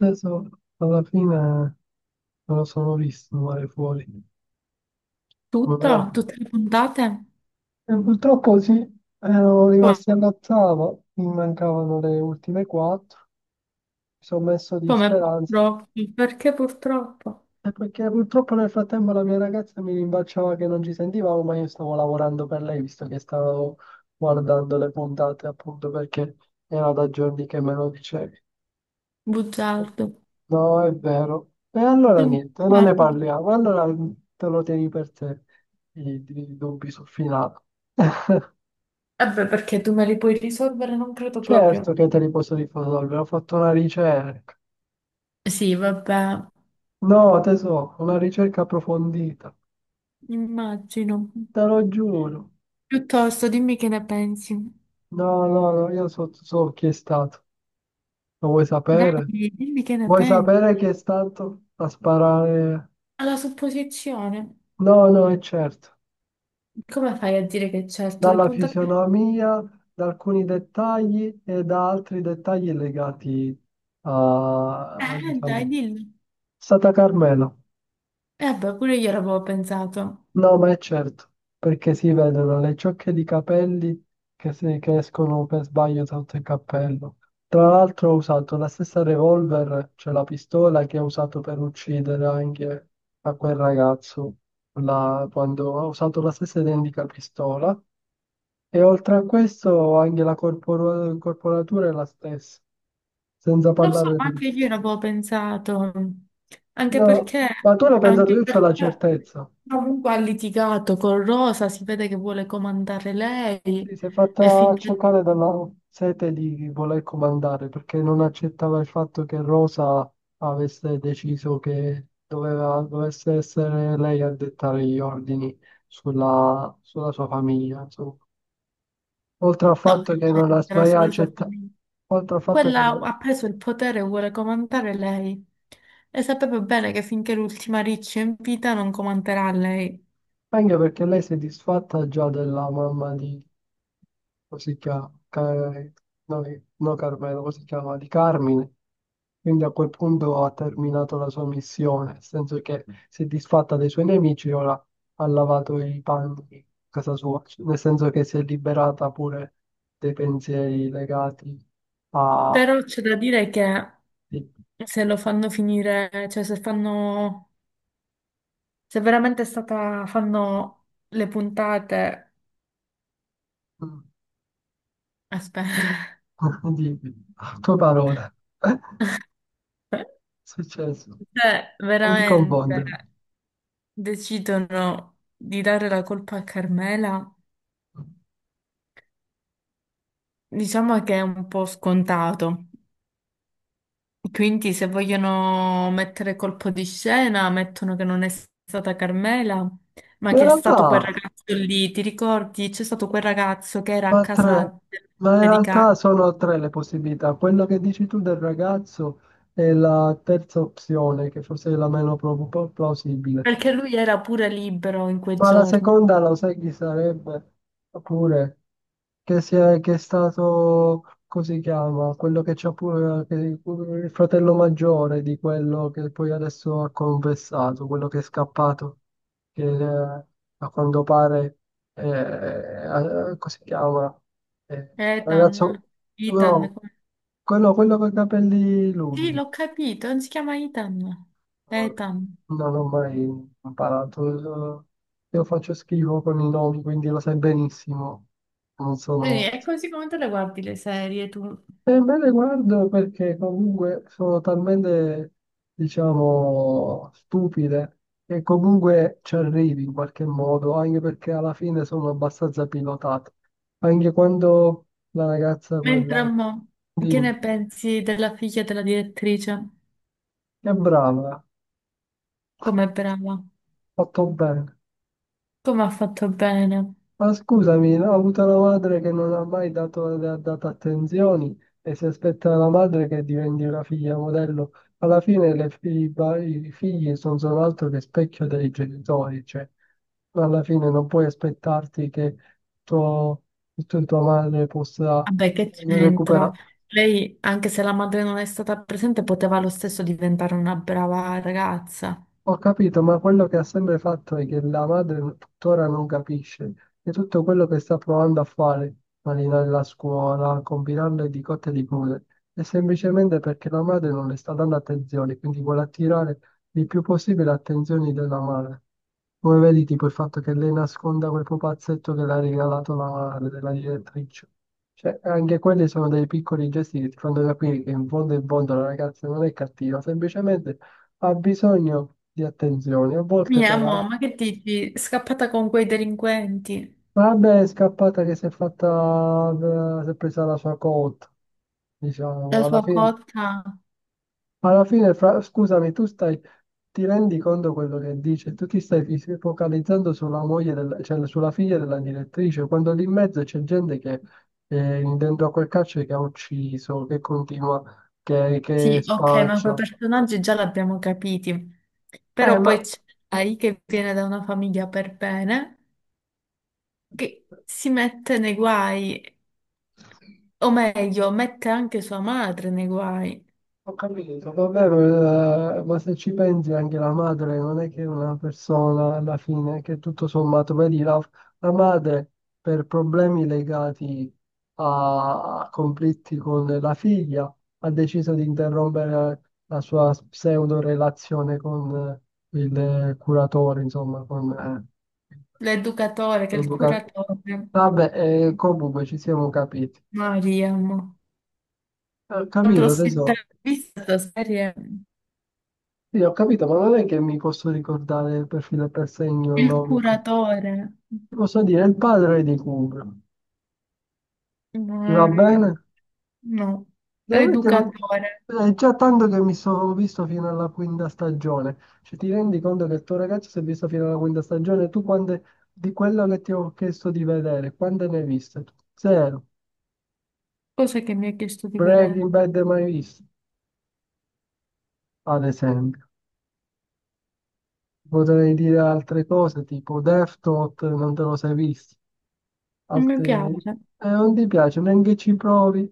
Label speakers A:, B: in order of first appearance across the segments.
A: Adesso alla fine non lo sono visto male fuori. Come me la-
B: Tutte le puntate?
A: E purtroppo sì, erano
B: Come
A: rimasti all'ottavo, mi mancavano le ultime quattro, mi sono messo di
B: come
A: speranza.
B: purtroppo? Perché purtroppo?
A: E perché purtroppo nel frattempo la mia ragazza mi rimbalciava che non ci sentivamo, ma io stavo lavorando per lei, visto che stavo guardando le puntate appunto perché era da giorni che me lo dicevi.
B: Bugiardo.
A: No, è vero. E allora
B: Sei un
A: niente, non ne
B: bugiardo.
A: parliamo. Allora te lo tieni per te i dubbi sul finale.
B: Eh beh, perché tu me li puoi risolvere? Non credo proprio.
A: Certo che te li posso risolvere, ho fatto una ricerca.
B: Sì, vabbè,
A: No, tesoro, una ricerca approfondita.
B: immagino.
A: Te lo giuro.
B: Piuttosto, dimmi che ne pensi.
A: No, no, no, io so chi è stato. Lo vuoi sapere?
B: Dai, dimmi che ne
A: Vuoi
B: pensi.
A: sapere chi è stato a sparare?
B: Alla supposizione,
A: No, no, è certo.
B: come fai a dire che certo le
A: Dalla
B: puntate...
A: fisionomia, da alcuni dettagli e da altri dettagli legati
B: Dai,
A: diciamo,
B: dillo.
A: Santa Carmela.
B: Eh beh, pure io l'avevo pensato.
A: No, ma è certo, perché si vedono le ciocche di capelli che, se- che escono per sbaglio sotto il cappello. Tra l'altro ho usato la stessa revolver, cioè la pistola che ho usato per uccidere anche a quel ragazzo, quando ho usato la stessa identica pistola. E oltre a questo anche la corporatura è la stessa, senza
B: Lo so,
A: parlare
B: ma
A: del...
B: anche io ne avevo pensato, anche
A: No,
B: perché,
A: ma tu l'hai pensato,
B: anche
A: io ho la
B: perché
A: certezza.
B: comunque ha litigato con Rosa, si vede che vuole comandare
A: Sì,
B: lei
A: si è
B: e
A: fatta
B: finché
A: accecare dalla sete di voler comandare perché non accettava il fatto che Rosa avesse deciso che dovesse essere lei a dettare gli ordini sulla sua famiglia, insomma. Oltre al
B: no,
A: fatto
B: che
A: che non la
B: c'entra
A: sbagliava,
B: sulla sua
A: accetta...
B: famiglia.
A: oltre al fatto che
B: Quella
A: non-
B: ha preso il potere e vuole comandare lei e sapeva bene che finché l'ultima riccia è in vita non comanderà lei.
A: Anche perché lei si è disfatta già della mamma di, come si chiama, Ca- no, no, Carmelo, come si chiama, di Carmine. Quindi a quel punto ha terminato la sua missione, nel senso che si è disfatta dei suoi nemici e ora ha lavato i panni in casa sua. Cioè, nel senso che si è liberata pure dei pensieri legati a...
B: Però c'è da dire che
A: di...
B: se lo fanno finire, cioè se fanno, se veramente è stata, fanno le puntate. Aspetta,
A: di... a tue parole. È successo.
B: cioè,
A: Non ti
B: veramente
A: confondere.
B: decidono di dare la colpa a Carmela, diciamo che è un po' scontato. Quindi se vogliono mettere colpo di scena, mettono che non è stata Carmela, ma
A: Ma in
B: che è stato quel
A: realtà,
B: ragazzo lì, ti ricordi? C'è stato quel ragazzo che era a
A: ma tre,
B: casa
A: ma in
B: di Carmela,
A: realtà sono tre le possibilità. Quello che dici tu del ragazzo è la terza opzione, che forse è la meno plausibile.
B: perché lui era pure libero in quei
A: Ma la
B: giorni.
A: seconda lo sai chi sarebbe? Oppure che è stato, come si chiama? Quello che c'ha pure il fratello maggiore di quello che poi adesso ha confessato, quello che è scappato, che a quanto pare, come si chiama? Ragazzo,
B: Ethan, Ethan,
A: no, quello con i capelli
B: sì,
A: lunghi.
B: l'ho capito, non si chiama Ethan.
A: No,
B: Ethan.
A: non ho mai imparato. Io faccio schifo con i nomi, quindi lo sai benissimo. Non
B: Quindi
A: sono...
B: è così come te le guardi le serie tu?
A: E me le guardo perché comunque sono talmente, diciamo, stupide che comunque ci arrivi in qualche modo, anche perché alla fine sono abbastanza pilotate. Anche quando la ragazza
B: Mentre a
A: quella...
B: mo, che
A: Dimmi,
B: ne pensi della figlia della direttrice?
A: che brava,
B: Com'è brava?
A: fatto bene.
B: Come ha fatto bene?
A: Ma scusami, no, ho avuto una madre che non ha mai dato, le ha dato attenzioni e si aspetta la madre che diventi una figlia modello. Alla fine le fi- i ba- i figli non sono altro che specchio dei genitori, cioè alla fine non puoi aspettarti che tuo, tua madre possa
B: Vabbè, che c'entra?
A: recuperare.
B: Lei, anche se la madre non è stata presente, poteva lo stesso diventare una brava ragazza.
A: Ho capito, ma quello che ha sempre fatto è che la madre tuttora non capisce che tutto quello che sta provando a fare, malinare la scuola, combinarle di cotte e di crude, è semplicemente perché la madre non le sta dando attenzione, quindi vuole attirare il più possibile attenzioni della madre. Come vedi, tipo il fatto che lei nasconda quel pupazzetto che le ha regalato la madre della direttrice. Cioè, anche quelli sono dei piccoli gesti che ti fanno capire che in fondo la ragazza non è cattiva, semplicemente ha bisogno di attenzione, a volte
B: Mia
A: però.
B: mamma, che dici? Scappata con quei delinquenti.
A: Vabbè, è scappata che si è fatta, si è presa la sua cotta, diciamo,
B: La sua cotta?
A: alla fine, scusami, ti rendi conto quello che dice, tu ti stai focalizzando sulla moglie, cioè sulla figlia della direttrice, quando lì in mezzo c'è gente che dentro a quel carcere che ha ucciso, che continua, che
B: Sì, ok, ma quei
A: spaccia.
B: personaggi già l'abbiamo capiti. Però poi
A: Ma...
B: c'è Ai che viene da una famiglia per bene, che si mette nei guai, o meglio, mette anche sua madre nei guai,
A: Ho capito, vabbè, ma se ci pensi anche la madre non è che è una persona alla fine, che tutto sommato, vedi, la madre per problemi legati a conflitti con la figlia ha deciso di interrompere la sua pseudo relazione con il curatore, insomma, con
B: l'educatore che è il
A: l'educatore.
B: curatore.
A: Vabbè, comunque ci siamo capiti.
B: Mariam.
A: Ho
B: L'altro
A: capito,
B: sera
A: tesoro.
B: ho visto questa serie,
A: Sì, ho capito, ma non è che mi posso ricordare per filo e per segno il
B: il
A: nome. Ti
B: curatore.
A: posso dire il padre di Cubro. Ti va
B: Mariam.
A: bene?
B: No,
A: No, perché non-
B: l'educatore.
A: È già tanto che mi sono visto fino alla quinta stagione. Cioè, ti rendi conto che il tuo ragazzo si è visto fino alla quinta stagione? Tu quante di quello che ti ho chiesto di vedere, quante ne hai viste? Tu? Zero.
B: Cosa che mi ha chiesto di
A: Breaking
B: vedere?
A: Bad mai visto, ad esempio. Potrei dire altre cose tipo Death Note, non te lo sei visto.
B: Non mi
A: Altri...
B: piace.
A: Non ti piace, neanche ci provi.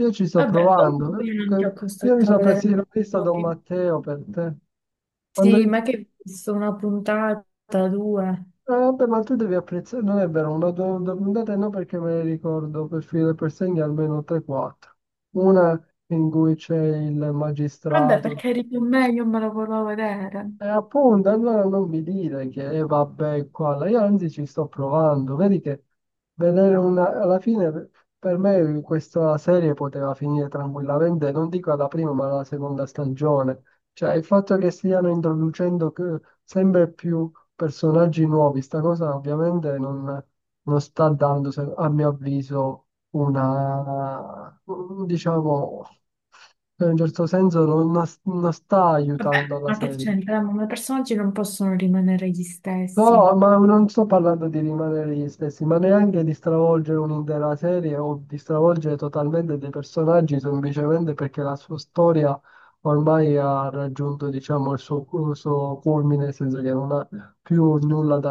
A: Io ci sto
B: Vabbè,
A: provando.
B: comunque io non ti
A: Ok?
B: ho
A: Io mi
B: costretto a
A: sono
B: vedere
A: persino
B: mai
A: vista Don
B: fuori.
A: Matteo per te. Quando
B: Sì,
A: io ti-
B: ma
A: eh,
B: che hai visto una puntata, due.
A: Vabbè, ma tu devi apprezzare, non è vero, una due puntate no perché me le ricordo per filo per segno almeno 3-4. Una in cui c'è il
B: Vabbè,
A: magistrato.
B: perché eri più me, io me lo volevo vedere.
A: E appunto, allora non mi dire che vabbè, qua, là. Io anzi ci sto provando. Vedi che vedere una... Alla fine per me questa serie poteva finire tranquillamente, non dico alla prima, ma alla seconda stagione. Cioè, il fatto che stiano introducendo sempre più personaggi nuovi, sta cosa ovviamente non sta dando, a mio avviso, una, diciamo, in un certo senso non sta
B: Vabbè,
A: aiutando la
B: ma che
A: serie.
B: c'entra? Ma i personaggi non possono rimanere gli
A: No,
B: stessi.
A: ma non sto parlando di rimanere gli stessi, ma neanche di stravolgere un'intera serie o di stravolgere totalmente dei personaggi semplicemente perché la sua storia ormai ha raggiunto, diciamo, il suo culmine, nel senso che non ha più nulla da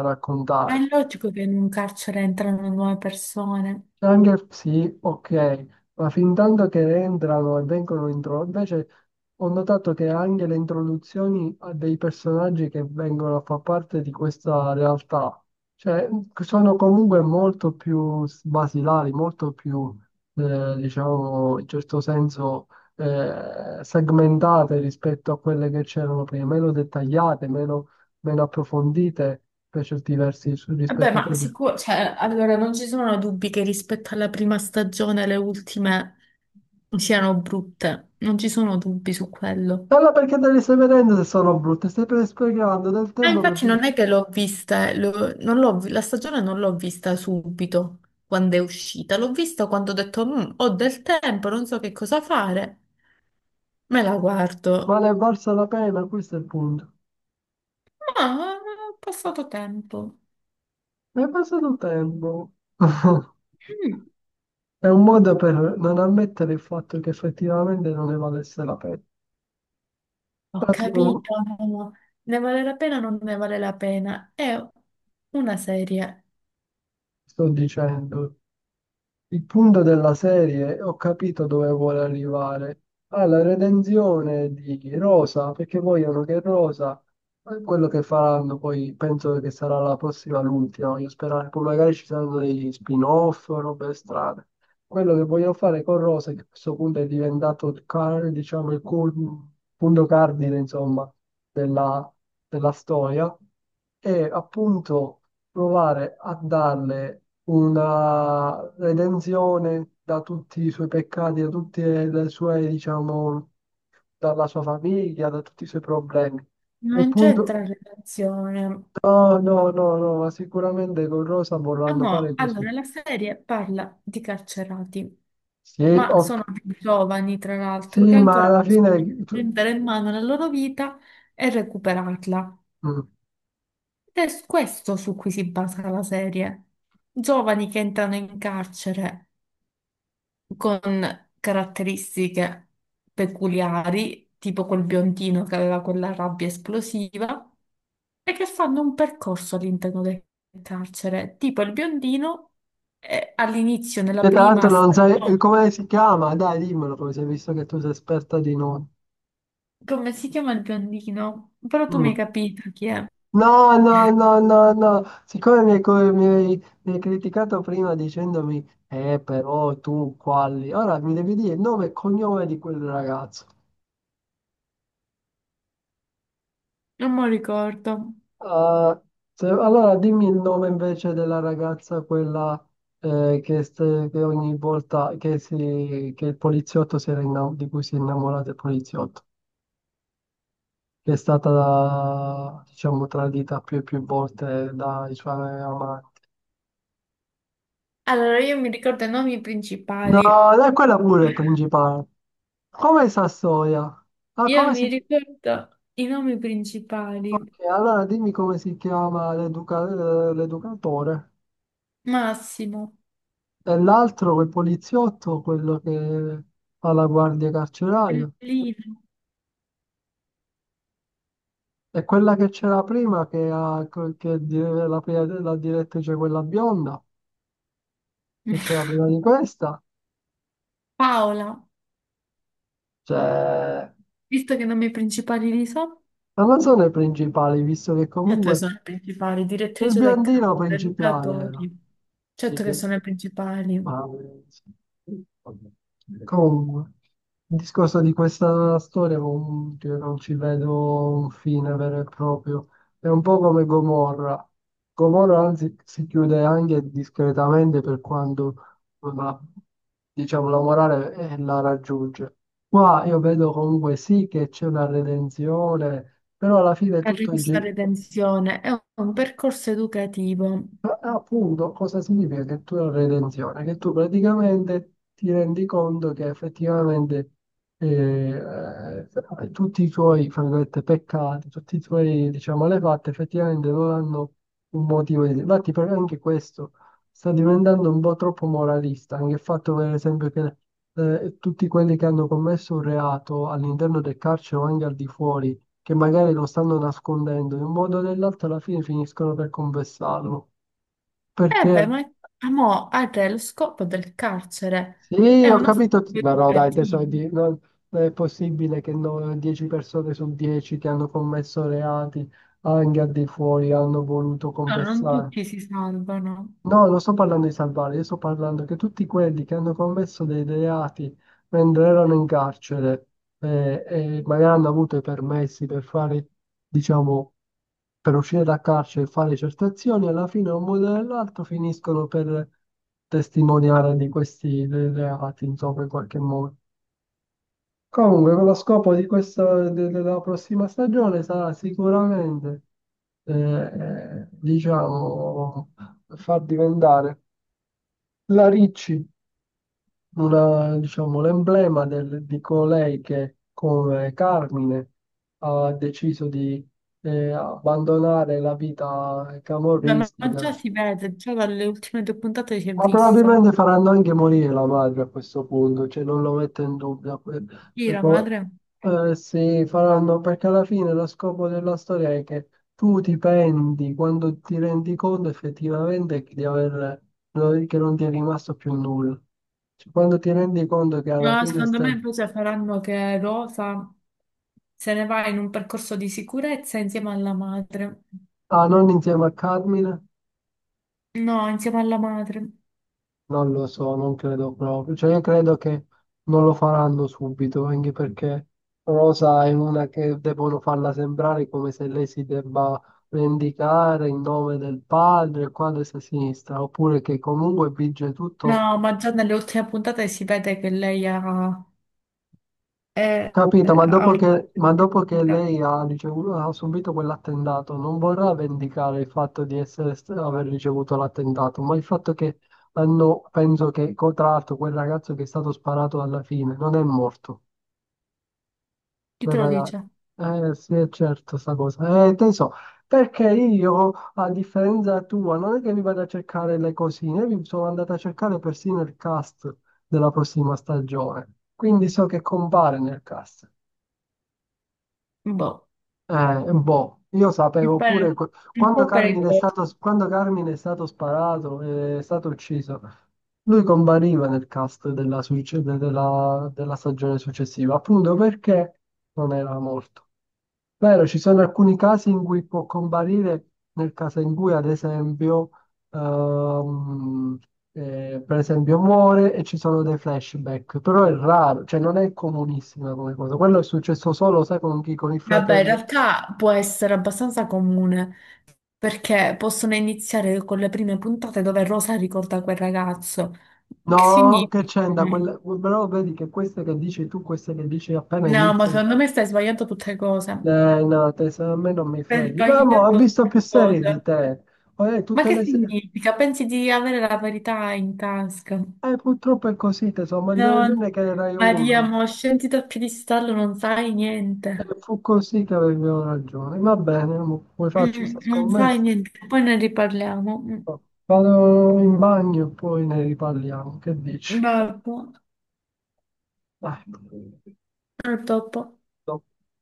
B: Ma
A: raccontare.
B: è logico che in un carcere entrano nuove persone.
A: Anche sì, ok, ma fin tanto che entrano e vengono intro... Invece ho notato che anche le introduzioni a dei personaggi che vengono a far parte di questa realtà, cioè sono comunque molto più basilari, molto più, diciamo, in certo senso segmentate rispetto a quelle che c'erano prima, meno dettagliate, meno approfondite per certi versi
B: Vabbè,
A: rispetto a
B: ma
A: quelle.
B: sicuro, cioè, allora non ci sono dubbi che rispetto alla prima stagione le ultime siano brutte. Non ci sono dubbi su quello.
A: Allora perché te le stai vedendo se sono brutte? Stai sprecando del
B: Ah,
A: tempo per...
B: infatti non è che l'ho vista, non l'ho vi- la stagione non l'ho vista subito quando è uscita, l'ho vista quando ho detto "Mm, ho del tempo, non so che cosa fare, me la guardo.
A: Ma ne è valsa la pena, questo è il punto.
B: Ma ho passato tempo.
A: Ne è passato tempo.
B: Mm.
A: È un modo per non ammettere il fatto che effettivamente non ne valesse la pena.
B: Ho
A: Ma tu,
B: capito, ne vale la pena o non ne vale la pena? È una serie,
A: sto dicendo, il punto della serie, ho capito dove vuole arrivare, alla redenzione di Rosa, perché vogliono che Rosa, quello che faranno poi, penso che sarà la prossima, l'ultima, voglio sperare, poi magari ci saranno degli spin-off, robe strane. Quello che vogliono fare con Rosa, che a questo punto è diventato diciamo, punto cardine, insomma, della della storia, è appunto provare a darle una redenzione da tutti i suoi peccati, da tutte le sue, diciamo, dalla sua famiglia, da tutti i suoi problemi. E
B: non
A: punto.
B: c'entra relazione.
A: No, no, no, no, ma sicuramente con Rosa
B: Ah,
A: vorranno
B: ma
A: fare così.
B: allora la serie parla di carcerati,
A: Sì,
B: ma
A: ok.
B: sono più giovani, tra l'altro, che
A: Sì, ma
B: ancora
A: alla
B: possono
A: fine...
B: prendere in mano la loro vita e recuperarla.
A: Mm.
B: Ed è questo su cui si basa la serie. Giovani che entrano in carcere con caratteristiche peculiari, tipo quel biondino che aveva quella rabbia esplosiva, e che fanno un percorso all'interno del carcere. Tipo il biondino all'inizio, nella
A: Che tra
B: prima
A: l'altro non sai
B: stagione.
A: come si chiama, dai, dimmelo, poi sei visto che tu sei esperta di nomi.
B: Come si chiama il biondino? Però tu mi hai
A: Mm.
B: capito chi è.
A: No, no, no, no, no, siccome mi hai, co- mi hai criticato prima dicendomi, però tu quali, ora mi devi dire il nome e cognome di quel ragazzo.
B: Non me lo ricordo.
A: Ah, allora dimmi il nome invece della ragazza, quella che ogni volta che il poliziotto si era di cui si è innamorato il poliziotto, che è stata, diciamo, tradita più e più volte dai suoi amanti.
B: Allora, io mi ricordo i nomi principali.
A: No, è quella pure è principale. Come Sassoia? Ah,
B: Io
A: come
B: mi
A: si...
B: ricordo i nomi
A: Ok,
B: principali.
A: allora dimmi come si chiama l'educatore.
B: Massimo.
A: E l'altro, quel poliziotto, quello che fa la guardia carceraria.
B: Lino.
A: E quella che c'era prima, che, ha, che è di- la, prima- la direttrice, quella bionda, che c'era prima di questa.
B: Paola.
A: Cioè,
B: Visto che i nomi principali li so.
A: non sono i principali, visto che
B: Certo che
A: comunque...
B: sono le principali,
A: Il
B: direttrice del campo,
A: biondino principale era.
B: educatori,
A: Il
B: certo che
A: bio-
B: sono le principali,
A: ma- Comunque, il discorso di questa storia comunque io non ci vedo un fine vero e proprio. È un po' come Gomorra. Gomorra anzi si chiude anche discretamente per quando la, diciamo, la morale la raggiunge. Qua io vedo comunque sì che c'è una redenzione, però alla fine
B: per
A: tutto è
B: ricucire tensione, è un percorso educativo.
A: ma appunto, cosa significa che tu hai una redenzione? Che tu praticamente ti rendi conto che effettivamente eh, tutti i tuoi, fra virgolette, peccati, tutti i tuoi, diciamo, malefatte, effettivamente non hanno un motivo di... Infatti, per me anche questo sta diventando un po' troppo moralista, anche il fatto, per esempio, che tutti quelli che hanno commesso un reato all'interno del carcere o anche al di fuori, che magari lo stanno nascondendo, in un modo o nell'altro alla fine finiscono per confessarlo.
B: Eh beh,
A: Perché?
B: ma ah, mo, ah, re, lo scopo del carcere
A: Sì,
B: è
A: ho
B: uno
A: capito.
B: scopo
A: No, no, dai, tesoro,
B: educativo.
A: non è possibile che no- 10 persone su 10 che hanno commesso reati anche al di fuori hanno voluto
B: No, non
A: confessare.
B: tutti si salvano.
A: No, non sto parlando di salvare, io sto parlando che tutti quelli che hanno commesso dei reati mentre erano in carcere e magari hanno avuto i permessi per fare, diciamo, per uscire da carcere e fare certe azioni, alla fine un modo o nell'altro finiscono per testimoniare di questi reati, insomma, in qualche modo. Comunque, con lo scopo di questa, della prossima stagione sarà sicuramente, diciamo, far diventare la Ricci, una, diciamo, l'emblema di colei che, come Carmine, ha deciso di abbandonare la vita
B: Vabbè, ma già
A: camorristica,
B: si vede, già dalle ultime due puntate si è
A: ma
B: visto.
A: probabilmente faranno anche morire la madre a questo punto, cioè non lo metto in dubbio.
B: Chi
A: Per
B: la
A: po-
B: madre?
A: sì, faranno perché alla fine lo scopo della storia è che tu ti penti quando ti rendi conto effettivamente che di aver, no, che non ti è rimasto più nulla. Cioè, quando ti rendi conto che alla
B: No,
A: fine
B: secondo me
A: stai...
B: invece faranno che Rosa se ne va in un percorso di sicurezza insieme alla madre.
A: Ah, non insieme a Carmine?
B: No, insieme alla madre.
A: Non lo so, non credo proprio. Cioè, io credo che non lo faranno subito, anche perché Rosa è una che devono farla sembrare come se lei si debba vendicare in nome del padre, il quale si sinistra, oppure che comunque vige tutto.
B: No, ma già nelle ultime puntate si vede che lei ha, è-
A: Capito?
B: ha una...
A: Ma dopo che lei ha, ricevuto, ha subito quell'attentato, non vorrà vendicare il fatto di essere, aver ricevuto l'attentato, ma il fatto che hanno, penso che, tra l'altro, quel ragazzo che è stato sparato alla fine non è morto.
B: Chi te lo
A: Raga,
B: dice?
A: sì, è certo sta cosa. Te so, perché io, a differenza tua, non è che mi vado a cercare le cosine, mi sono andato a cercare persino il cast della prossima stagione. Quindi so che compare nel cast.
B: Boh,
A: Boh, io
B: un
A: sapevo
B: po'
A: pure
B: un
A: quando
B: po' perché...
A: Quando Carmine è stato sparato, è stato ucciso, lui compariva nel cast della, della stagione successiva, appunto perché non era morto. Vero, ci sono alcuni casi in cui può comparire, nel caso in cui ad esempio, ehm, per esempio muore e ci sono dei flashback, però è raro, cioè non è comunissima come cosa. Quello è successo solo, sai, con chi? Con il
B: Vabbè, in
A: fratello.
B: realtà può essere abbastanza comune perché possono iniziare con le prime puntate dove Rosa ricorda quel ragazzo. Che
A: No,
B: significa?
A: che c'entra, però vedi che queste che dici tu, queste che dici appena
B: No, ma
A: iniziano,
B: secondo me stai sbagliando tutte cose.
A: no, te, a me non mi
B: Stai
A: freghi. Ma mo, ho
B: sbagliando
A: visto più
B: tutte
A: serie di
B: cose.
A: te,
B: Ma
A: tutte
B: che
A: le serie,
B: significa? Pensi di avere la verità in tasca?
A: purtroppo è così, te so, ma non
B: No,
A: è che ne Rai uno.
B: Maria, mo scendi dal piedistallo, non sai
A: E
B: niente.
A: fu così che avevo ragione. Va bene, mo, vuoi farci questa
B: Non sai
A: scommessa?
B: niente, poi ne riparliamo.
A: No. Vado in bagno e poi ne riparliamo. Che dici?
B: Vabbè,
A: Dai.
B: a dopo.
A: No.